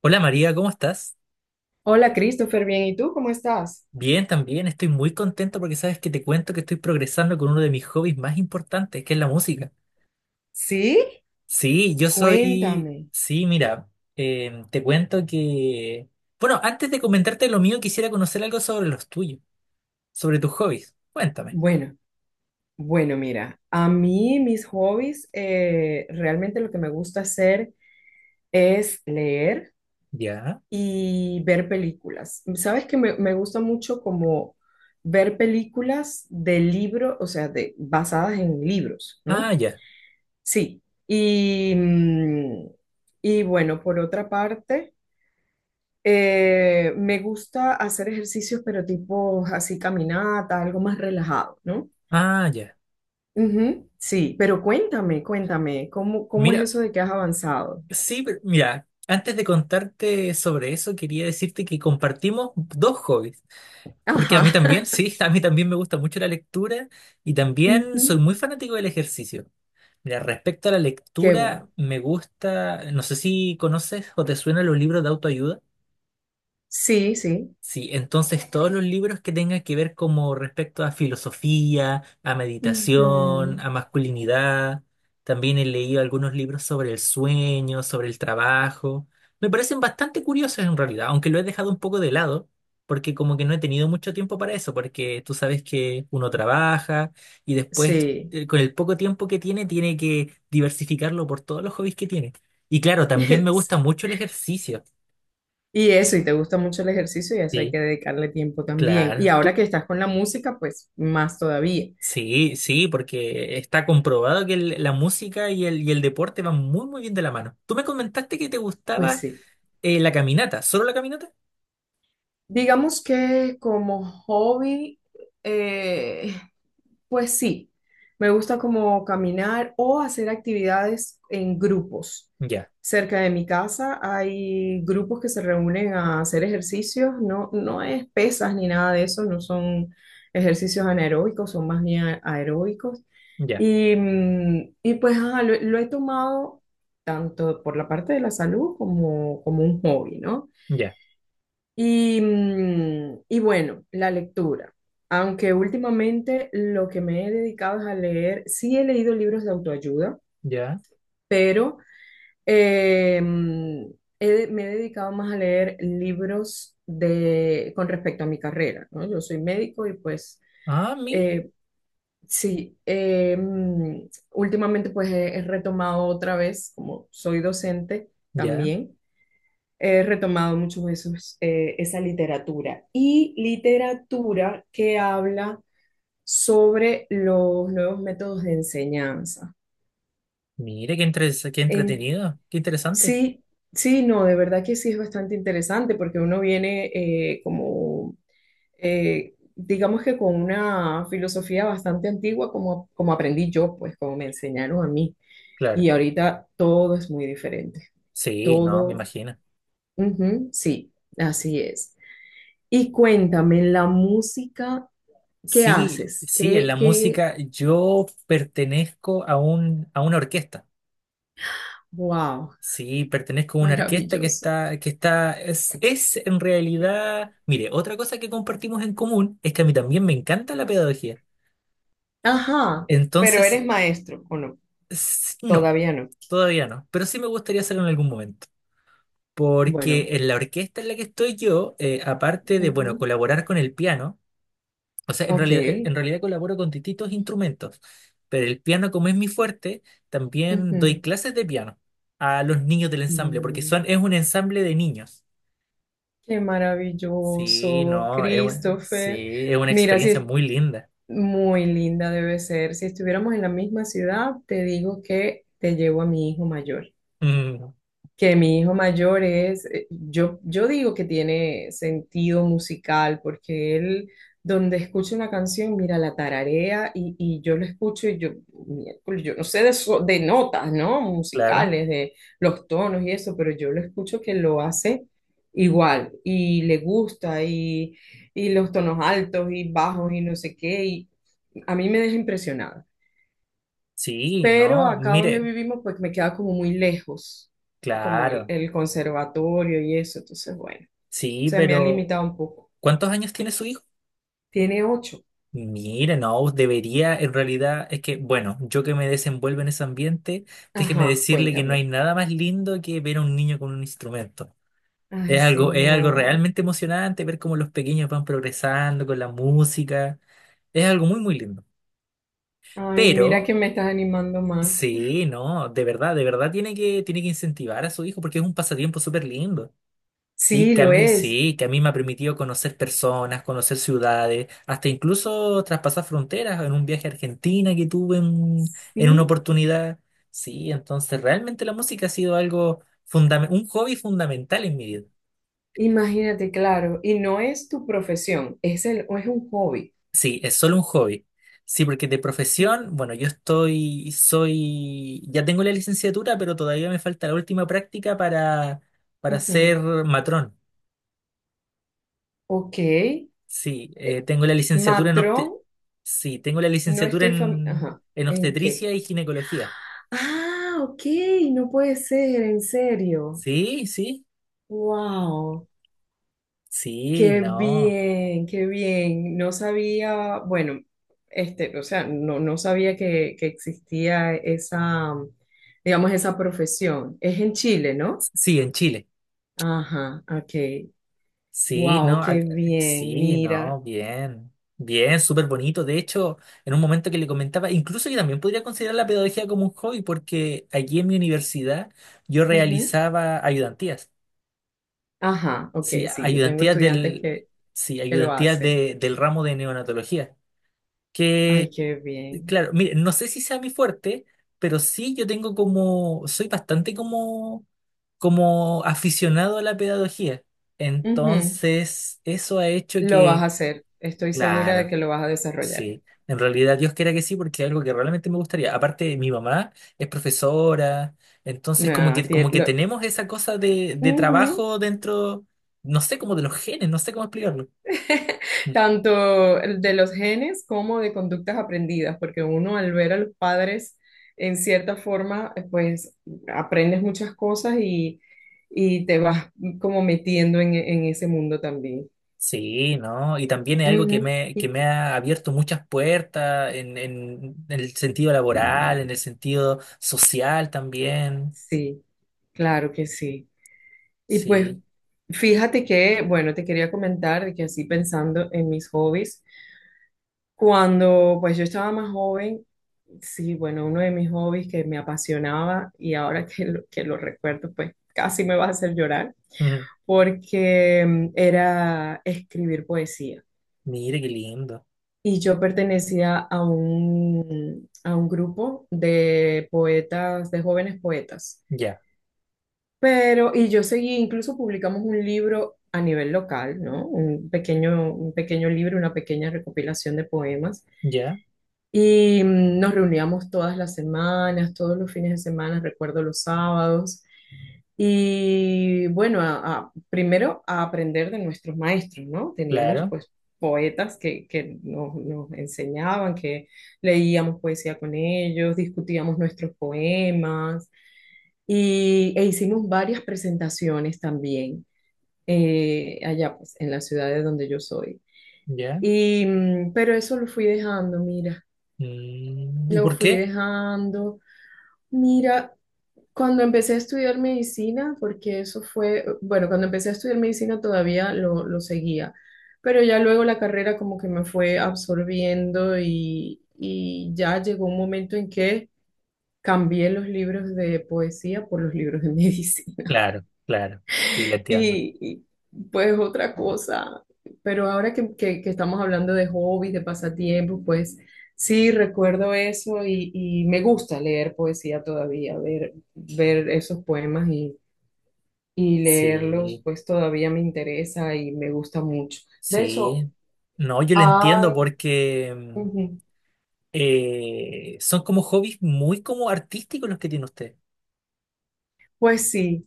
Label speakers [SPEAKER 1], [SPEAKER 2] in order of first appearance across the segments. [SPEAKER 1] Hola María, ¿cómo estás?
[SPEAKER 2] Hola Christopher, bien, ¿y tú cómo estás?
[SPEAKER 1] Bien, también estoy muy contento porque sabes que te cuento que estoy progresando con uno de mis hobbies más importantes, que es la música.
[SPEAKER 2] ¿Sí?
[SPEAKER 1] Sí, yo soy...
[SPEAKER 2] Cuéntame.
[SPEAKER 1] Sí, mira, te cuento que... Bueno, antes de comentarte lo mío, quisiera conocer algo sobre los tuyos, sobre tus hobbies. Cuéntame.
[SPEAKER 2] Bueno, bueno, mira, a mí mis hobbies, realmente lo que me gusta hacer es leer
[SPEAKER 1] ¿Ya?
[SPEAKER 2] y ver películas. Sabes que me gusta mucho como ver películas de libros, o sea, de, basadas en libros,
[SPEAKER 1] Ah,
[SPEAKER 2] ¿no?
[SPEAKER 1] ya.
[SPEAKER 2] Sí. Y, mm, y bueno, por otra parte... me gusta hacer ejercicios, pero tipo así caminata, algo más relajado, ¿no?
[SPEAKER 1] Ah, ya.
[SPEAKER 2] Ujú, sí, pero cuéntame, cómo es
[SPEAKER 1] Mira,
[SPEAKER 2] eso de que has avanzado?
[SPEAKER 1] mira, antes de contarte sobre eso, quería decirte que compartimos dos hobbies. Porque a
[SPEAKER 2] Ajá.
[SPEAKER 1] mí también, sí, a mí también me gusta mucho la lectura y también soy
[SPEAKER 2] Ujú.
[SPEAKER 1] muy fanático del ejercicio. Mira, respecto a la
[SPEAKER 2] Qué bueno.
[SPEAKER 1] lectura, me gusta, no sé si conoces o te suenan los libros de autoayuda.
[SPEAKER 2] Sí, sí.
[SPEAKER 1] Sí, entonces todos los libros que tengan que ver como respecto a filosofía, a meditación, a
[SPEAKER 2] Ujú.
[SPEAKER 1] masculinidad, también he leído algunos libros sobre el sueño, sobre el trabajo, me parecen bastante curiosos en realidad, aunque lo he dejado un poco de lado, porque como que no he tenido mucho tiempo para eso, porque tú sabes que uno trabaja y después
[SPEAKER 2] Sí.
[SPEAKER 1] con el poco tiempo que tiene tiene que diversificarlo por todos los hobbies que tiene. Y claro, también me gusta
[SPEAKER 2] Sí.
[SPEAKER 1] mucho el ejercicio.
[SPEAKER 2] Y eso, y te gusta mucho el ejercicio y a eso hay
[SPEAKER 1] Sí,
[SPEAKER 2] que dedicarle tiempo también.
[SPEAKER 1] claro.
[SPEAKER 2] Y ahora
[SPEAKER 1] ¿Tú?
[SPEAKER 2] que estás con la música, pues más todavía.
[SPEAKER 1] Sí, sí, porque está comprobado que la música y el deporte van muy, muy bien de la mano. Tú me comentaste que te
[SPEAKER 2] Pues
[SPEAKER 1] gustaba
[SPEAKER 2] sí.
[SPEAKER 1] la caminata, ¿solo la caminata?
[SPEAKER 2] Digamos que como hobby, eh, pues sí, me gusta como caminar o hacer actividades en grupos.
[SPEAKER 1] Ya,
[SPEAKER 2] Cerca de mi casa hay grupos que se reúnen a hacer ejercicios, no, no es pesas ni nada de eso, no son ejercicios anaeróbicos, son más bien aeróbicos.
[SPEAKER 1] ya,
[SPEAKER 2] Y pues ajá, lo he tomado tanto por la parte de la salud como, como un hobby, ¿no?
[SPEAKER 1] ya,
[SPEAKER 2] Y bueno, la lectura. Aunque últimamente lo que me he dedicado es a leer, sí he leído libros de autoayuda,
[SPEAKER 1] ya.
[SPEAKER 2] pero eh, mm, me he dedicado más a leer libros de, con respecto a mi carrera, ¿no? Yo soy médico y pues
[SPEAKER 1] Ah, mira,
[SPEAKER 2] eh, sí, últimamente pues he retomado otra vez, como soy docente
[SPEAKER 1] ya.
[SPEAKER 2] también he retomado mucho esos, esa literatura y literatura que habla sobre los nuevos métodos de enseñanza.
[SPEAKER 1] Mira, entre qué
[SPEAKER 2] En,
[SPEAKER 1] entretenido, qué interesante.
[SPEAKER 2] sí, sí, no, de verdad que sí es bastante interesante porque uno viene como, digamos que con una filosofía bastante antigua como, como aprendí yo, pues como me enseñaron a mí.
[SPEAKER 1] Claro,
[SPEAKER 2] Y ahorita todo es muy diferente.
[SPEAKER 1] sí, no, me
[SPEAKER 2] Todo,
[SPEAKER 1] imagino.
[SPEAKER 2] ujú, sí, así es. Y cuéntame, la música, ¿qué
[SPEAKER 1] Sí,
[SPEAKER 2] haces?
[SPEAKER 1] sí, en la
[SPEAKER 2] Qué?
[SPEAKER 1] música yo pertenezco a a una orquesta.
[SPEAKER 2] Wow,
[SPEAKER 1] Sí, pertenezco a una orquesta
[SPEAKER 2] maravilloso.
[SPEAKER 1] es en realidad, mire, otra cosa que compartimos en común es que a mí también me encanta la pedagogía.
[SPEAKER 2] Ajá, pero
[SPEAKER 1] Entonces,
[SPEAKER 2] eres maestro, ¿o no?
[SPEAKER 1] no,
[SPEAKER 2] Todavía no.
[SPEAKER 1] todavía no, pero sí me gustaría hacerlo en algún momento.
[SPEAKER 2] Bueno,
[SPEAKER 1] Porque en la orquesta en la que estoy yo, aparte de, bueno,
[SPEAKER 2] ujú,
[SPEAKER 1] colaborar con el piano, o sea,
[SPEAKER 2] ok.
[SPEAKER 1] en realidad colaboro con distintos instrumentos, pero el piano como es mi fuerte, también doy
[SPEAKER 2] Ujú.
[SPEAKER 1] clases de piano a los niños del ensamble, porque
[SPEAKER 2] Mm,
[SPEAKER 1] es un ensamble de niños.
[SPEAKER 2] qué
[SPEAKER 1] Sí,
[SPEAKER 2] maravilloso,
[SPEAKER 1] no,
[SPEAKER 2] Christopher.
[SPEAKER 1] sí, es una
[SPEAKER 2] Mira, si
[SPEAKER 1] experiencia
[SPEAKER 2] es
[SPEAKER 1] muy linda.
[SPEAKER 2] muy linda debe ser. Si estuviéramos en la misma ciudad, te digo que te llevo a mi hijo mayor.
[SPEAKER 1] Mm,
[SPEAKER 2] Que mi hijo mayor es, yo digo que tiene sentido musical, porque él donde escucha una canción, mira, la tararea y yo lo escucho y yo, miércoles, yo no sé de, de notas, ¿no?
[SPEAKER 1] claro.
[SPEAKER 2] Musicales, de los tonos y eso, pero yo lo escucho que lo hace igual y le y los tonos altos y bajos y no sé qué, y a mí me deja impresionada,
[SPEAKER 1] Sí,
[SPEAKER 2] pero
[SPEAKER 1] no,
[SPEAKER 2] acá donde
[SPEAKER 1] mire,
[SPEAKER 2] vivimos pues me queda como muy lejos, como
[SPEAKER 1] claro.
[SPEAKER 2] el conservatorio y eso, entonces bueno,
[SPEAKER 1] Sí,
[SPEAKER 2] se me ha
[SPEAKER 1] pero
[SPEAKER 2] limitado un poco.
[SPEAKER 1] ¿cuántos años tiene su hijo?
[SPEAKER 2] Tiene ocho.
[SPEAKER 1] Mire, no, debería, en realidad, es que, bueno, yo que me desenvuelvo en ese ambiente, déjeme
[SPEAKER 2] Ajá,
[SPEAKER 1] decirle que no hay
[SPEAKER 2] cuéntame.
[SPEAKER 1] nada más lindo que ver a un niño con un instrumento.
[SPEAKER 2] Ay,
[SPEAKER 1] Es algo
[SPEAKER 2] señor.
[SPEAKER 1] realmente emocionante ver cómo los pequeños van progresando con la música. Es algo muy, muy lindo.
[SPEAKER 2] Ay, mira que
[SPEAKER 1] Pero
[SPEAKER 2] me estás animando más.
[SPEAKER 1] sí, no, de verdad tiene que incentivar a su hijo porque es un pasatiempo súper lindo. Sí,
[SPEAKER 2] Sí,
[SPEAKER 1] que a
[SPEAKER 2] lo
[SPEAKER 1] mí,
[SPEAKER 2] es.
[SPEAKER 1] sí, que a mí me ha permitido conocer personas, conocer ciudades, hasta incluso traspasar fronteras en un viaje a Argentina que tuve en una
[SPEAKER 2] Sí,
[SPEAKER 1] oportunidad. Sí, entonces realmente la música ha sido algo fundamental, un hobby fundamental en mi vida.
[SPEAKER 2] imagínate, claro. Y no es tu profesión, es es un hobby.
[SPEAKER 1] Sí, es solo un hobby. Sí, porque de profesión, bueno, yo estoy, soy, ya tengo la licenciatura, pero todavía me falta la última práctica para ser
[SPEAKER 2] Ujú.
[SPEAKER 1] matrón.
[SPEAKER 2] Ok.
[SPEAKER 1] Sí, tengo la licenciatura en
[SPEAKER 2] Matrón,
[SPEAKER 1] obte- sí, tengo la
[SPEAKER 2] no
[SPEAKER 1] licenciatura
[SPEAKER 2] estoy fam- Ajá.
[SPEAKER 1] en
[SPEAKER 2] ¿En qué?
[SPEAKER 1] obstetricia y ginecología.
[SPEAKER 2] Ah, ok, no puede ser, en serio.
[SPEAKER 1] Sí, sí,
[SPEAKER 2] Wow,
[SPEAKER 1] sí,
[SPEAKER 2] qué
[SPEAKER 1] no.
[SPEAKER 2] bien, qué bien. No sabía, bueno, este, o sea, no, no sabía que existía esa, digamos, esa profesión. Es en Chile, ¿no?
[SPEAKER 1] Sí, en Chile.
[SPEAKER 2] Ajá, ok.
[SPEAKER 1] Sí,
[SPEAKER 2] Wow, qué bien,
[SPEAKER 1] sí, no,
[SPEAKER 2] mira.
[SPEAKER 1] bien, bien, súper bonito. De hecho, en un momento que le comentaba, incluso yo también podría considerar la pedagogía como un hobby, porque allí en mi universidad yo
[SPEAKER 2] Ujú.
[SPEAKER 1] realizaba ayudantías,
[SPEAKER 2] Ajá, ok,
[SPEAKER 1] sí,
[SPEAKER 2] sí, yo tengo
[SPEAKER 1] ayudantías
[SPEAKER 2] estudiantes
[SPEAKER 1] del, sí,
[SPEAKER 2] que lo hacen.
[SPEAKER 1] del ramo de neonatología,
[SPEAKER 2] Ay,
[SPEAKER 1] que,
[SPEAKER 2] qué bien.
[SPEAKER 1] claro, mire, no sé si sea mi fuerte, pero sí yo tengo como, soy bastante como, como aficionado a la pedagogía.
[SPEAKER 2] Ujú.
[SPEAKER 1] Entonces, eso ha hecho
[SPEAKER 2] Lo vas
[SPEAKER 1] que
[SPEAKER 2] a hacer, estoy segura de
[SPEAKER 1] claro,
[SPEAKER 2] que lo vas a desarrollar.
[SPEAKER 1] sí. En realidad Dios quiera que sí, porque es algo que realmente me gustaría. Aparte, mi mamá es profesora, entonces
[SPEAKER 2] No,
[SPEAKER 1] como
[SPEAKER 2] tie-
[SPEAKER 1] que
[SPEAKER 2] lo-
[SPEAKER 1] tenemos esa cosa de
[SPEAKER 2] Ujú.
[SPEAKER 1] trabajo dentro, no sé, como de los genes, no sé cómo explicarlo. Mm.
[SPEAKER 2] Tanto el de los genes como de conductas aprendidas, porque uno al ver a los padres, en cierta forma, pues aprendes muchas cosas y te vas como metiendo en ese mundo también.
[SPEAKER 1] Sí, ¿no? Y también es algo
[SPEAKER 2] Ujú.
[SPEAKER 1] que
[SPEAKER 2] Y-
[SPEAKER 1] me ha abierto muchas puertas en el sentido laboral, en el sentido social también.
[SPEAKER 2] sí, claro que sí. Y pues
[SPEAKER 1] Sí.
[SPEAKER 2] fíjate que, bueno, te quería comentar de que así pensando en mis hobbies. Cuando pues yo estaba más joven, sí, bueno, uno de mis hobbies que me apasionaba y ahora que que lo recuerdo, pues casi me va a hacer llorar,
[SPEAKER 1] Mm.
[SPEAKER 2] porque era escribir poesía.
[SPEAKER 1] Mire qué lindo.
[SPEAKER 2] Y yo pertenecía a a un grupo de poetas, de jóvenes poetas.
[SPEAKER 1] Ya,
[SPEAKER 2] Pero, y yo seguí, incluso publicamos un libro a nivel local, ¿no? Un pequeño libro, una pequeña recopilación de poemas.
[SPEAKER 1] ya,
[SPEAKER 2] Y nos reuníamos todas las semanas, todos los fines de semana, recuerdo los sábados. Y bueno, primero a aprender de nuestros maestros, ¿no? Teníamos
[SPEAKER 1] claro,
[SPEAKER 2] pues poetas que nos enseñaban, que leíamos poesía con ellos, discutíamos nuestros poemas y, e hicimos varias presentaciones también allá pues en la ciudad de donde yo soy.
[SPEAKER 1] ya.
[SPEAKER 2] Pero eso lo fui dejando, mira,
[SPEAKER 1] Mm, ¿y
[SPEAKER 2] lo
[SPEAKER 1] por
[SPEAKER 2] fui
[SPEAKER 1] qué?
[SPEAKER 2] dejando. Mira, cuando empecé a estudiar medicina, porque eso fue, bueno, cuando empecé a estudiar medicina todavía lo seguía, pero ya luego la carrera como que me fue absorbiendo y ya llegó un momento en que cambié los libros de poesía por los libros de medicina.
[SPEAKER 1] Claro, claro, sí, le entiendo.
[SPEAKER 2] Y pues otra cosa, pero ahora que estamos hablando de hobbies, de pasatiempos, pues sí, recuerdo eso y me gusta leer poesía todavía, ver esos poemas y leerlos,
[SPEAKER 1] Sí,
[SPEAKER 2] pues todavía me interesa y me gusta mucho. De hecho,
[SPEAKER 1] sí. No, yo le entiendo
[SPEAKER 2] ay,
[SPEAKER 1] porque
[SPEAKER 2] ujú,
[SPEAKER 1] son como hobbies muy como artísticos los que tiene usted.
[SPEAKER 2] pues sí,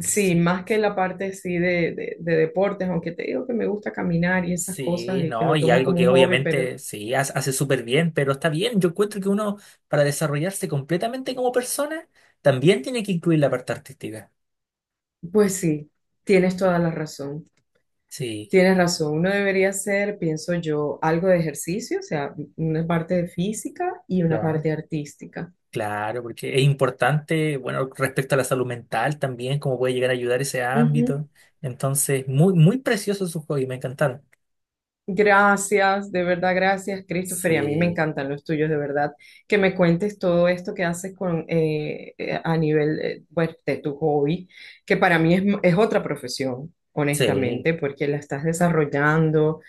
[SPEAKER 2] sí,
[SPEAKER 1] Sí,
[SPEAKER 2] más que la parte sí de, de deportes, aunque te digo que me gusta caminar y esas cosas
[SPEAKER 1] sí,
[SPEAKER 2] y que
[SPEAKER 1] no,
[SPEAKER 2] lo
[SPEAKER 1] y
[SPEAKER 2] tomo
[SPEAKER 1] algo
[SPEAKER 2] como
[SPEAKER 1] que
[SPEAKER 2] un hobby, pero
[SPEAKER 1] obviamente sí hace súper bien, pero está bien. Yo encuentro que uno para desarrollarse completamente como persona también tiene que incluir la parte artística.
[SPEAKER 2] pues sí. Tienes toda la razón.
[SPEAKER 1] Sí,
[SPEAKER 2] Tienes razón, uno debería hacer, pienso yo, algo de ejercicio, o sea, una parte de física y una
[SPEAKER 1] claro.
[SPEAKER 2] parte artística.
[SPEAKER 1] Claro, porque es importante, bueno, respecto a la salud mental también, cómo puede llegar a ayudar ese
[SPEAKER 2] Ujú.
[SPEAKER 1] ámbito. Entonces, muy, muy precioso su hobby, me encantaron.
[SPEAKER 2] Gracias, de verdad, gracias, Christopher, y a mí me
[SPEAKER 1] Sí,
[SPEAKER 2] encantan los tuyos, de verdad, que me cuentes todo esto que haces con, a nivel, pues, de tu hobby, que para mí es otra profesión,
[SPEAKER 1] sí,
[SPEAKER 2] honestamente, porque la estás desarrollando,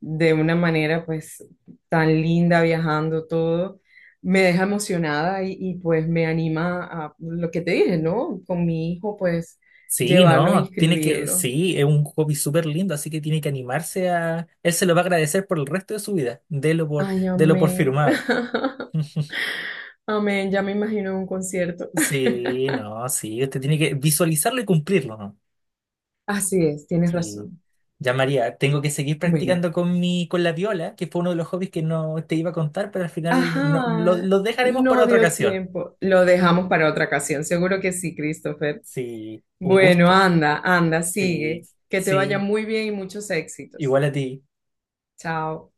[SPEAKER 2] de una manera pues tan linda viajando todo, me deja emocionada y pues me anima a lo que te dije, ¿no? Con mi hijo pues
[SPEAKER 1] sí,
[SPEAKER 2] llevarlo e
[SPEAKER 1] no, tiene que,
[SPEAKER 2] inscribirlo.
[SPEAKER 1] sí, es un hobby súper lindo, así que tiene que animarse a, él se lo va a agradecer por el resto de su vida, délo por,
[SPEAKER 2] Ay,
[SPEAKER 1] délo por
[SPEAKER 2] amén.
[SPEAKER 1] firmado.
[SPEAKER 2] Amén, ya me imagino un concierto.
[SPEAKER 1] Sí, no, sí, usted tiene que visualizarlo y cumplirlo, ¿no?
[SPEAKER 2] Así es, tienes
[SPEAKER 1] Sí.
[SPEAKER 2] razón.
[SPEAKER 1] Ya María, tengo que seguir
[SPEAKER 2] Bueno,
[SPEAKER 1] practicando con la viola, que fue uno de los hobbies que no te iba a contar, pero al final
[SPEAKER 2] ajá,
[SPEAKER 1] lo dejaremos para
[SPEAKER 2] no
[SPEAKER 1] otra
[SPEAKER 2] dio
[SPEAKER 1] ocasión.
[SPEAKER 2] tiempo. Lo dejamos para otra ocasión, seguro que sí, Christopher.
[SPEAKER 1] Sí, un
[SPEAKER 2] Bueno,
[SPEAKER 1] gusto.
[SPEAKER 2] anda, anda,
[SPEAKER 1] Sí,
[SPEAKER 2] sigue. Que te vaya
[SPEAKER 1] sí,
[SPEAKER 2] muy bien y muchos éxitos.
[SPEAKER 1] igual a ti.
[SPEAKER 2] Chao.